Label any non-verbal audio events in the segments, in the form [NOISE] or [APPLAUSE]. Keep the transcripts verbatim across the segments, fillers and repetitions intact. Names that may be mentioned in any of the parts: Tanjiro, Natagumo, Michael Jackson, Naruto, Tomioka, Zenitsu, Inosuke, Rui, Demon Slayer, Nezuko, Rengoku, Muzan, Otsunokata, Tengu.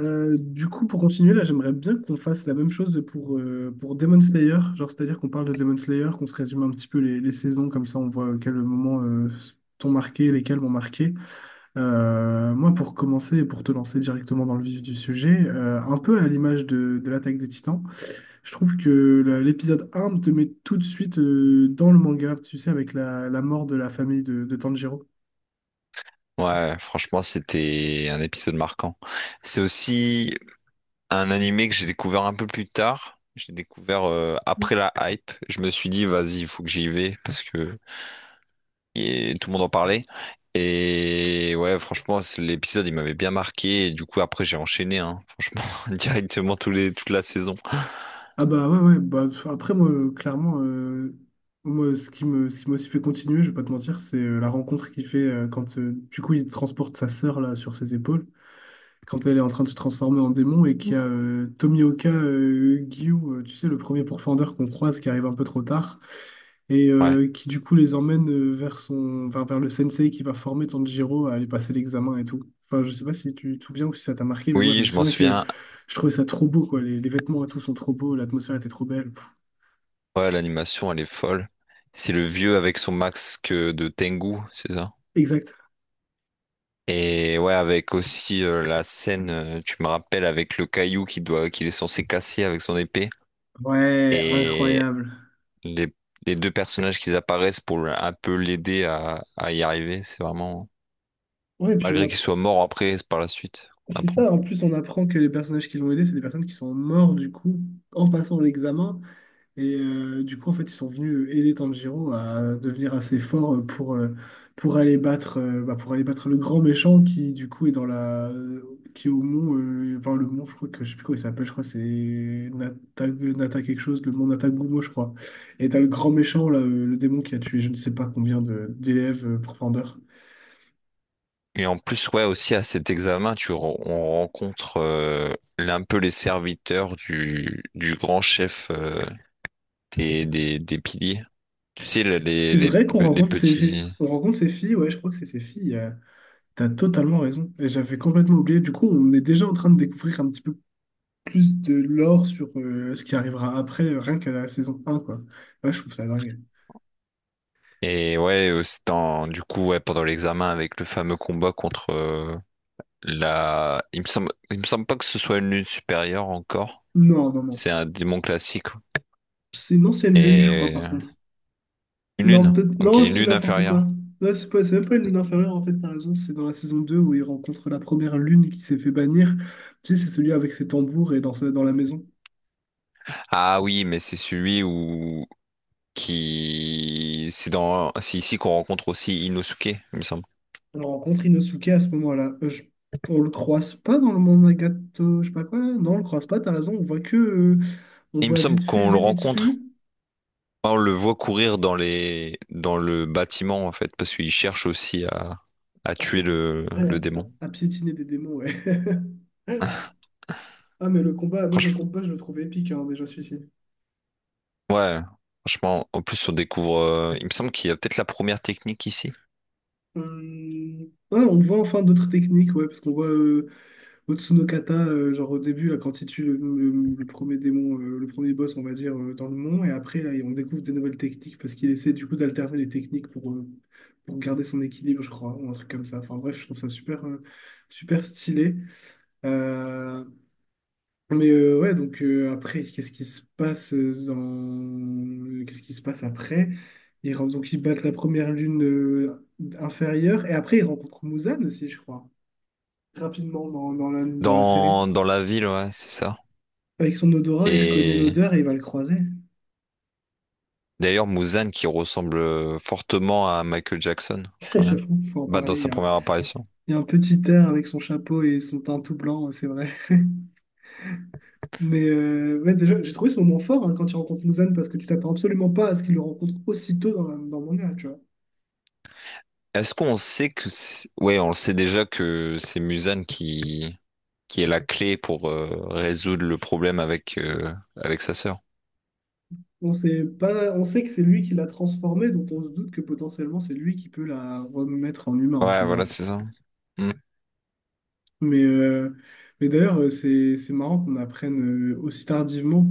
Euh, du coup, pour continuer, là, j'aimerais bien qu'on fasse la même chose pour, euh, pour Demon Slayer. Genre, c'est-à-dire qu'on parle de Demon Slayer, qu'on se résume un petit peu les, les saisons, comme ça on voit à quel moment euh, t'ont marqué, lesquels m'ont marqué. Euh, moi, pour commencer et pour te lancer directement dans le vif du sujet, euh, un peu à l'image de, de l'Attaque des Titans, je trouve que la- l'épisode un te met tout de suite euh, dans le manga, tu sais, avec la, la mort de la famille de, de Tanjiro. Ouais, franchement, c'était un épisode marquant. C'est aussi un animé que j'ai découvert un peu plus tard. J'ai découvert euh, après la hype. Je me suis dit, vas-y, il faut que j'y vais parce que et tout le monde en parlait. Et ouais, franchement, c'est- l'épisode, il m'avait bien marqué. Et du coup, après, j'ai enchaîné, hein, franchement, [LAUGHS] directement tous les, toute la saison. Ah bah ouais, ouais, bah pff, après moi, euh, clairement, euh, moi, ce qui me, ce qui m'a aussi fait continuer, je vais pas te mentir, c'est euh, la rencontre qu'il fait euh, quand, euh, du coup, il transporte sa sœur, là, sur ses épaules, quand elle est en train de se transformer en démon, et qu'il y a euh, Tomioka euh, Gyu, euh, tu sais, le premier pourfendeur qu'on croise, qui arrive un peu trop tard, et Ouais. euh, qui, du coup, les emmène euh, vers son, enfin, vers le sensei qui va former Tanjiro à aller passer l'examen et tout. Enfin, je sais pas si tu te souviens ou si ça t'a marqué, mais moi, je Oui, me je m'en souviens que souviens. je trouvais ça trop beau, quoi. Les, les vêtements et tout sont trop beaux, l'atmosphère était trop belle. Ouais, l'animation, elle est folle. C'est le vieux avec son masque de Tengu, c'est ça? Exact. Et ouais, avec aussi euh, la scène, euh, tu me rappelles, avec le caillou qui doit, qu'il est censé casser avec son épée. Ouais, Et incroyable. les, les deux personnages qui apparaissent pour le- un peu l'aider à, à y arriver, c'est vraiment... Ouais, puis on Malgré qu'il apprend. soit mort après, c'est par la suite, on C'est apprend. ça, en plus on apprend que les personnages qui l'ont aidé, c'est des personnes qui sont mortes du coup en passant l'examen. Et euh, du coup, en fait, ils sont venus aider Tanjiro à devenir assez fort euh, pour, euh, pour aller battre, euh, bah, pour aller battre le grand méchant qui du coup est dans la. Qui est au mont. euh, Enfin, le mont, je crois que je sais plus comment il s'appelle, je crois que c'est Nata... Nata quelque chose, le mont Natagumo, je crois. Et t'as le grand méchant, là, euh, le démon qui a tué je ne sais pas combien de- d'élèves euh, pour Pander. Et en plus, ouais, aussi à cet examen, tu, re- on rencontre euh, un peu les serviteurs du, du grand chef euh, des, des, des piliers. Tu sais, les, les, C'est les vrai qu'on les rencontre ces... petits... on rencontre ces filles, ouais, je crois que c'est ces filles. Euh, T'as totalement raison. Et j'avais complètement oublié. Du coup, on est déjà en train de découvrir un petit peu plus de lore sur euh, ce qui arrivera après, euh, rien qu'à la saison un quoi. Ouais, je trouve ça dingue. Et ouais, euh, c'est en- du coup, ouais, pendant l'examen avec le fameux combat contre euh, la. Il me semble... Il me semble pas que ce soit une lune supérieure encore. Non, non, non. C'est un démon classique. C'est une ancienne lune, je crois, Et par contre. une Non, lune. peut-être. Ok, Non, je une dis lune n'importe quoi. inférieure. Non, c'est pas... c'est même pas une lune inférieure, en fait, t'as raison. C'est dans la saison deux où il rencontre la première lune qui s'est fait bannir. Tu sais, c'est celui avec ses tambours et dans, sa- dans la maison. Ah oui, mais c'est celui où qui. C'est dans. C'est ici qu'on rencontre aussi Inosuke, il me semble. On rencontre Inosuke à ce moment-là. Euh, je- on le croise pas dans le monde Nagato, je sais pas quoi là. Non, on le croise pas, t'as raison. On voit que, euh, on Il me voit semble vite fait qu'on le rencontre. Zenitsu On le voit courir dans les dans le bâtiment en fait, parce qu'il cherche aussi à, à à, tuer pied, le, ouais, le démon. à, à piétiner des démons, ouais. [LAUGHS] Ah, mais le combat, moi je le Franchement, combat, je le trouve épique hein, déjà celui-ci. ouais, franchement, en plus on découvre. euh, il me semble qu'il y a peut-être la première technique ici. Hum, ah, on voit enfin d'autres techniques, ouais, parce qu'on voit euh, Otsunokata, euh, genre au début, là, quand il tue le, le- le premier démon, euh, le premier boss, on va dire, euh, dans le mont, et après, là, on découvre des nouvelles techniques parce qu'il essaie du coup d'alterner les techniques pour, euh, pour garder son équilibre, je crois, ou un truc comme ça. Enfin bref, je trouve ça super, euh, super stylé. Euh, mais euh, ouais, donc euh, après, qu'est-ce qui se passe euh, dans... qu'est-ce qui se passe après? Ils, ren- donc ils battent la première lune euh, inférieure, et après, ils rencontrent Muzan aussi, je crois, rapidement dans, dans la, dans la série. Dans, dans la ville, ouais, c'est ça. Avec son odorat, il reconnaît Et l'odeur et il va le croiser. d'ailleurs, Muzan qui ressemble euh, fortement à Michael Jackson, [LAUGHS] quand même. J'avoue, il faut en Bah, dans parler. Il y sa a, un première apparition. il y a un petit air avec son chapeau et son teint tout blanc, c'est vrai. Mais euh, ouais, déjà, j'ai trouvé ce moment fort hein, quand il rencontre Muzan parce que tu t'attends absolument pas à ce qu'il le rencontre aussitôt dans, la- dans le manga, tu vois. Est-ce qu'on sait que. c'est- Ouais, on le sait déjà que c'est Muzan qui, qui est la clé pour euh, résoudre le problème avec, euh, avec sa sœur. On sait pas, on sait que c'est lui qui l'a transformé, donc on se doute que potentiellement c'est lui qui peut la remettre en humain, tu Ouais, voilà, vois. c'est ça. Mm. Mais, euh, mais d'ailleurs, euh, c'est, c'est marrant qu'on apprenne euh, aussi tardivement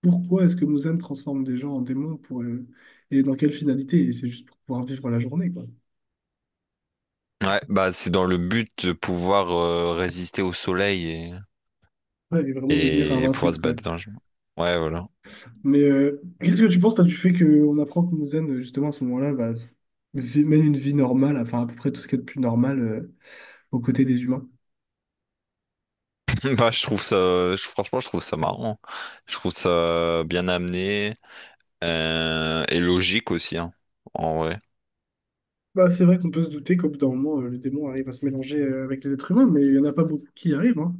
pourquoi est-ce que Muzan transforme des gens en démons pour, euh, et dans quelle finalité. Et c'est juste pour pouvoir vivre la journée, quoi. Ouais, bah c'est dans le but de pouvoir euh, résister au soleil et. Ouais, et vraiment devenir Et pouvoir invincible, se quoi. battre dans le jeu. Ouais, voilà. Mais euh, qu'est-ce que tu penses, toi, du fait qu'on apprend que Muzan, euh, justement, à ce moment-là, bah, vi- mène une vie normale, enfin à peu près tout ce qu'il y a de plus normal euh, aux côtés des humains? [LAUGHS] Bah, je trouve ça, je- franchement, je trouve ça marrant. Je trouve ça bien amené euh, et logique aussi, hein, en vrai. Bah, c'est vrai qu'on peut se douter qu'au bout d'un moment, euh, le démon arrive à se mélanger euh, avec les êtres humains, mais il n'y en a pas beaucoup qui y arrivent, hein.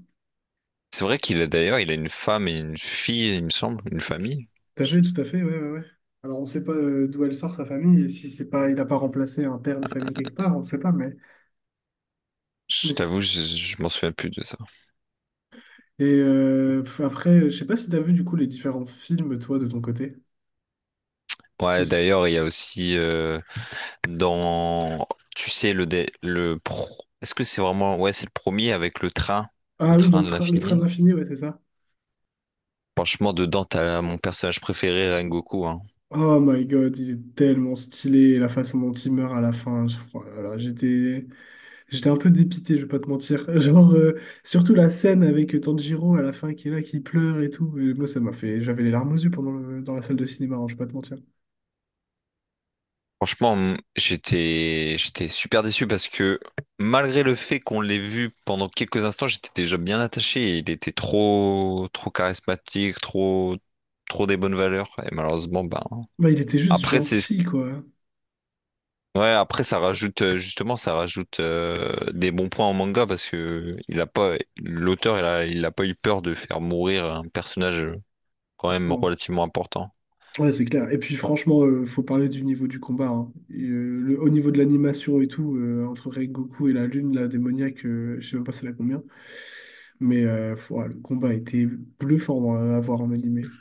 C'est vrai qu'il a d'ailleurs, il a une femme et une fille, il me semble, une famille. Tout à Je, fait, tout à fait, ouais, ouais, ouais. Alors, on ne sait pas euh, d'où elle sort sa famille, et si c'est pas, il n'a pas remplacé un père de famille quelque part, on ne sait pas, mais... mais je t'avoue, c'est- je, je m'en souviens plus de ça. et euh, pff, après, je sais pas si tu as vu, du coup, les différents films, toi, de ton côté. Ou Ouais, si- d'ailleurs, il y a aussi euh, dans, tu sais, le dé- le pro. Est-ce que c'est vraiment, ouais, c'est le premier avec le train, le Ah oui, dans train le de train, le train de l'infini. l'infini, ouais, c'est ça. Franchement, dedans, t'as mon personnage préféré, Rengoku, hein. Oh my god, il est tellement stylé, et la façon dont il meurt à la fin, je- oh là là, j'étais... J'étais un peu dépité, je vais pas te mentir. [LAUGHS] Genre, euh, surtout la scène avec Tanjiro à la fin qui est là, qui pleure et tout. Et moi, ça m'a fait... J'avais les larmes aux yeux pendant le- dans la salle de cinéma, hein, je vais pas te mentir. Franchement, m- j'étais j'étais super déçu parce que malgré le fait qu'on l'ait vu pendant quelques instants, j'étais déjà bien attaché et il était trop trop charismatique, trop trop des bonnes valeurs et malheureusement ben Bah, il était juste après c'est ce- gentil, quoi, hein, ouais, après ça rajoute euh, justement ça rajoute euh, des bons points en manga parce que il a pas l'auteur il a il a pas eu peur de faire mourir un personnage quand même pourtant. relativement important. Ouais, c'est clair. Et puis franchement, euh, faut parler du niveau du combat, hein. Et, euh, le, au niveau de l'animation et tout, euh, entre Rengoku et la lune, la démoniaque, euh, je sais même pas c'est la combien. Mais euh, faut- ouais, le combat était bluffant euh, à voir en animé.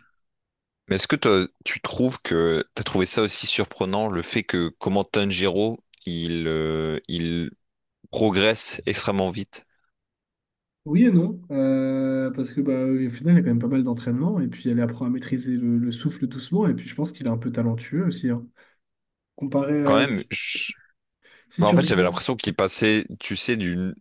Mais est-ce que toi, tu trouves que tu as trouvé ça aussi surprenant, le fait que comment Tanjiro, il, euh, il progresse extrêmement vite? Oui et non, euh, parce que bah, au final, il y a quand même pas mal d'entraînement, et puis elle apprend à maîtriser le, le souffle doucement, et puis je pense qu'il est un peu talentueux aussi, hein. Comparé Quand à... même, Si, je- si en tu fait, j'avais regardes... l'impression qu'il passait, tu sais, d'une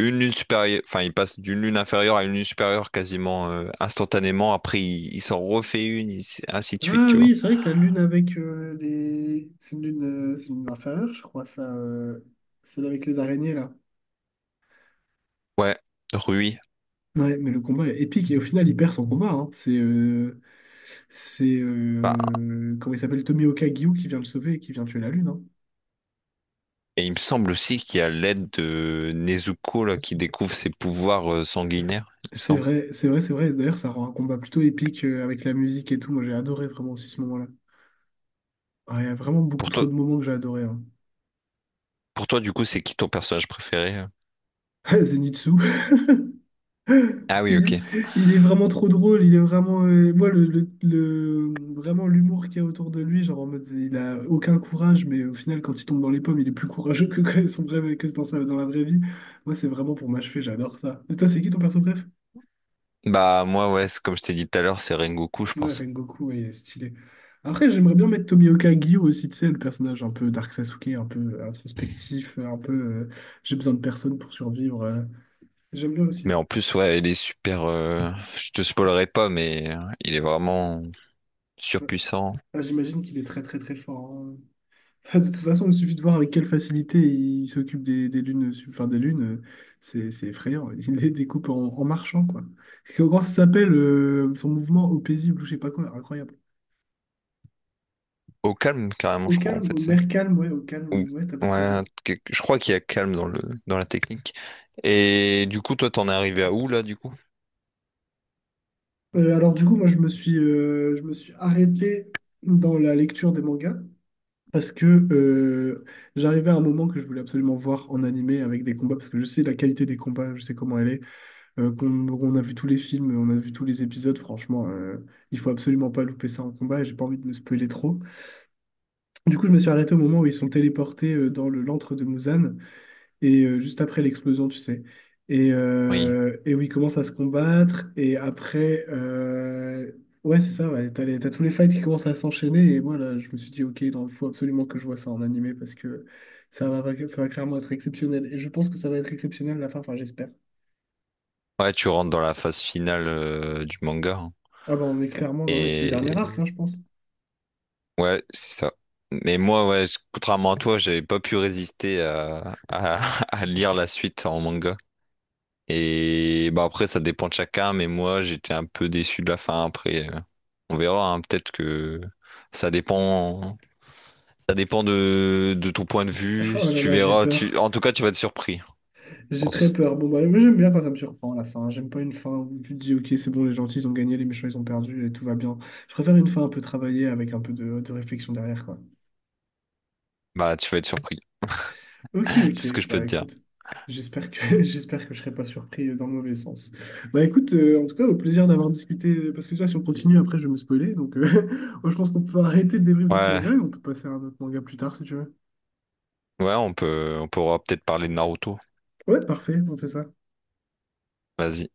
une lune supérieure, enfin, il passe d'une lune inférieure à une lune supérieure quasiment euh, instantanément. Après, il, il s'en refait une, il- ainsi de suite, Ah tu vois. oui, c'est vrai que la lune avec euh, les. c'est une lune, euh, c'est une lune inférieure, je crois, ça. Euh, Celle avec les araignées, là. Ouais, Rui. Ouais, mais le combat est épique et au final, il perd son combat, hein. C'est. Euh, C'est. Bah, Euh, Comment il s'appelle? Tomioka Gyu qui vient le sauver et qui vient tuer la lune, hein. et il me semble aussi qu'il y a l'aide de Nezuko là, qui découvre ses pouvoirs euh, sanguinaires, il me C'est semble. vrai, c'est vrai, c'est vrai. D'ailleurs, ça rend un combat plutôt épique euh, avec la musique et tout. Moi, j'ai adoré vraiment aussi ce moment-là. Ah, il y a vraiment beaucoup Pour trop toi, de moments que j'ai adoré, hein. pour toi, du coup, c'est qui ton personnage préféré? Euh [LAUGHS] Zenitsu, Ah oui, il est, ok. il est vraiment trop drôle, il est vraiment... euh, moi, le, le- le- vraiment l'humour qu'il y a autour de lui, genre en mode, il a aucun courage, mais au final, quand il tombe dans les pommes, il est plus courageux que, que son vrai, que dans sa, dans la vraie vie. Moi, c'est vraiment pour m'achever, j'adore ça. Et toi, c'est qui ton perso bref? Bah moi, ouais, c'est- comme je t'ai dit tout à l'heure, c'est Rengoku, je Ouais, pense. Rengoku, ouais, il est stylé. Après, j'aimerais bien mettre Tomioka Gyo aussi, tu sais, le personnage un peu Dark Sasuke, un peu introspectif, un peu euh, j'ai besoin de personne pour survivre. Euh. J'aime bien Mais aussi. en plus, ouais, il est super. euh, Je te spoilerai pas, mais euh, il est vraiment. Ouais. Surpuissant Ah, j'imagine qu'il est très très très fort, hein. Bah, de toute façon, il suffit de voir avec quelle facilité il s'occupe des, des lunes, sub- enfin des lunes, euh, c'est c'est effrayant. [LAUGHS] Il les découpe en, en marchant, quoi. Et comment ça s'appelle euh, son mouvement au paisible ou je sais pas quoi, incroyable. au calme carrément, Au je crois en calme, au fait c'est. mer calme, ouais, au Ou- calme, ouais, t'as peut-être raison. Ouais, quelque- je crois qu'il y a calme dans le dans la technique. Et du coup, toi, t'en es arrivé à où là, du coup? Euh, alors du coup, moi je me suis, euh, je me suis arrêté dans la lecture des mangas parce que euh, j'arrivais à un moment que je voulais absolument voir en animé avec des combats parce que je sais la qualité des combats, je sais comment elle est. euh, qu'on on a vu tous les films, on a vu tous les épisodes. Franchement, euh, il faut absolument pas louper ça en combat. Et j'ai pas envie de me spoiler trop. Du coup, je me suis arrêté au moment où ils sont téléportés euh, dans le l'antre de Muzan et euh, juste après l'explosion, tu sais. Et, Oui. euh, et où ils commencent à se combattre. Et après, euh, ouais, c'est ça. Ouais, t'as les- t'as tous les fights qui commencent à s'enchaîner. Et moi, là, je me suis dit, ok, il faut absolument que je vois ça en animé parce que ça va, ça va clairement être exceptionnel. Et je pense que ça va être exceptionnel à la fin. Enfin, j'espère. Ouais, tu rentres dans la phase finale euh, du manga, hein. Ah bah on est clairement, ouais, c'est le dernier Et arc, hein, je pense. ouais, c'est ça. Mais moi, ouais, je- contrairement à toi, j'avais pas pu résister à, à, [LAUGHS] à lire la suite en manga. Et bah après, ça dépend de chacun, mais moi, j'étais un peu déçu de la fin. Après, euh, on verra, hein, peut-être que ça dépend, ça dépend de, de ton point de vue. Oh là Tu là, j'ai verras, tu, peur. en tout cas, tu vas être surpris, je J'ai très pense. peur. Bon, bah, moi, j'aime bien quand ça me surprend la fin. J'aime pas une fin où tu te dis, ok, c'est bon, les gentils, ils ont gagné, les méchants, ils ont perdu et tout va bien. Je préfère une fin un peu travaillée avec un peu de, de réflexion derrière, quoi. Bah, tu vas être surpris. Ok, [LAUGHS] Tout ce ok. que je peux te Bah, dire. écoute, j'espère que, [LAUGHS] j'espère que je serai pas surpris dans le mauvais sens. Bah, écoute, euh, en tout cas, au plaisir d'avoir discuté. Parce que ça, si on continue, après, je vais me spoiler. Donc, euh, [LAUGHS] moi, je pense qu'on peut arrêter le débrief de ce Ouais, manga et on peut passer à un autre manga plus tard, si tu veux. ouais, on peut, on pourra peut-être parler de Naruto. Ouais, parfait, on fait ça. Vas-y.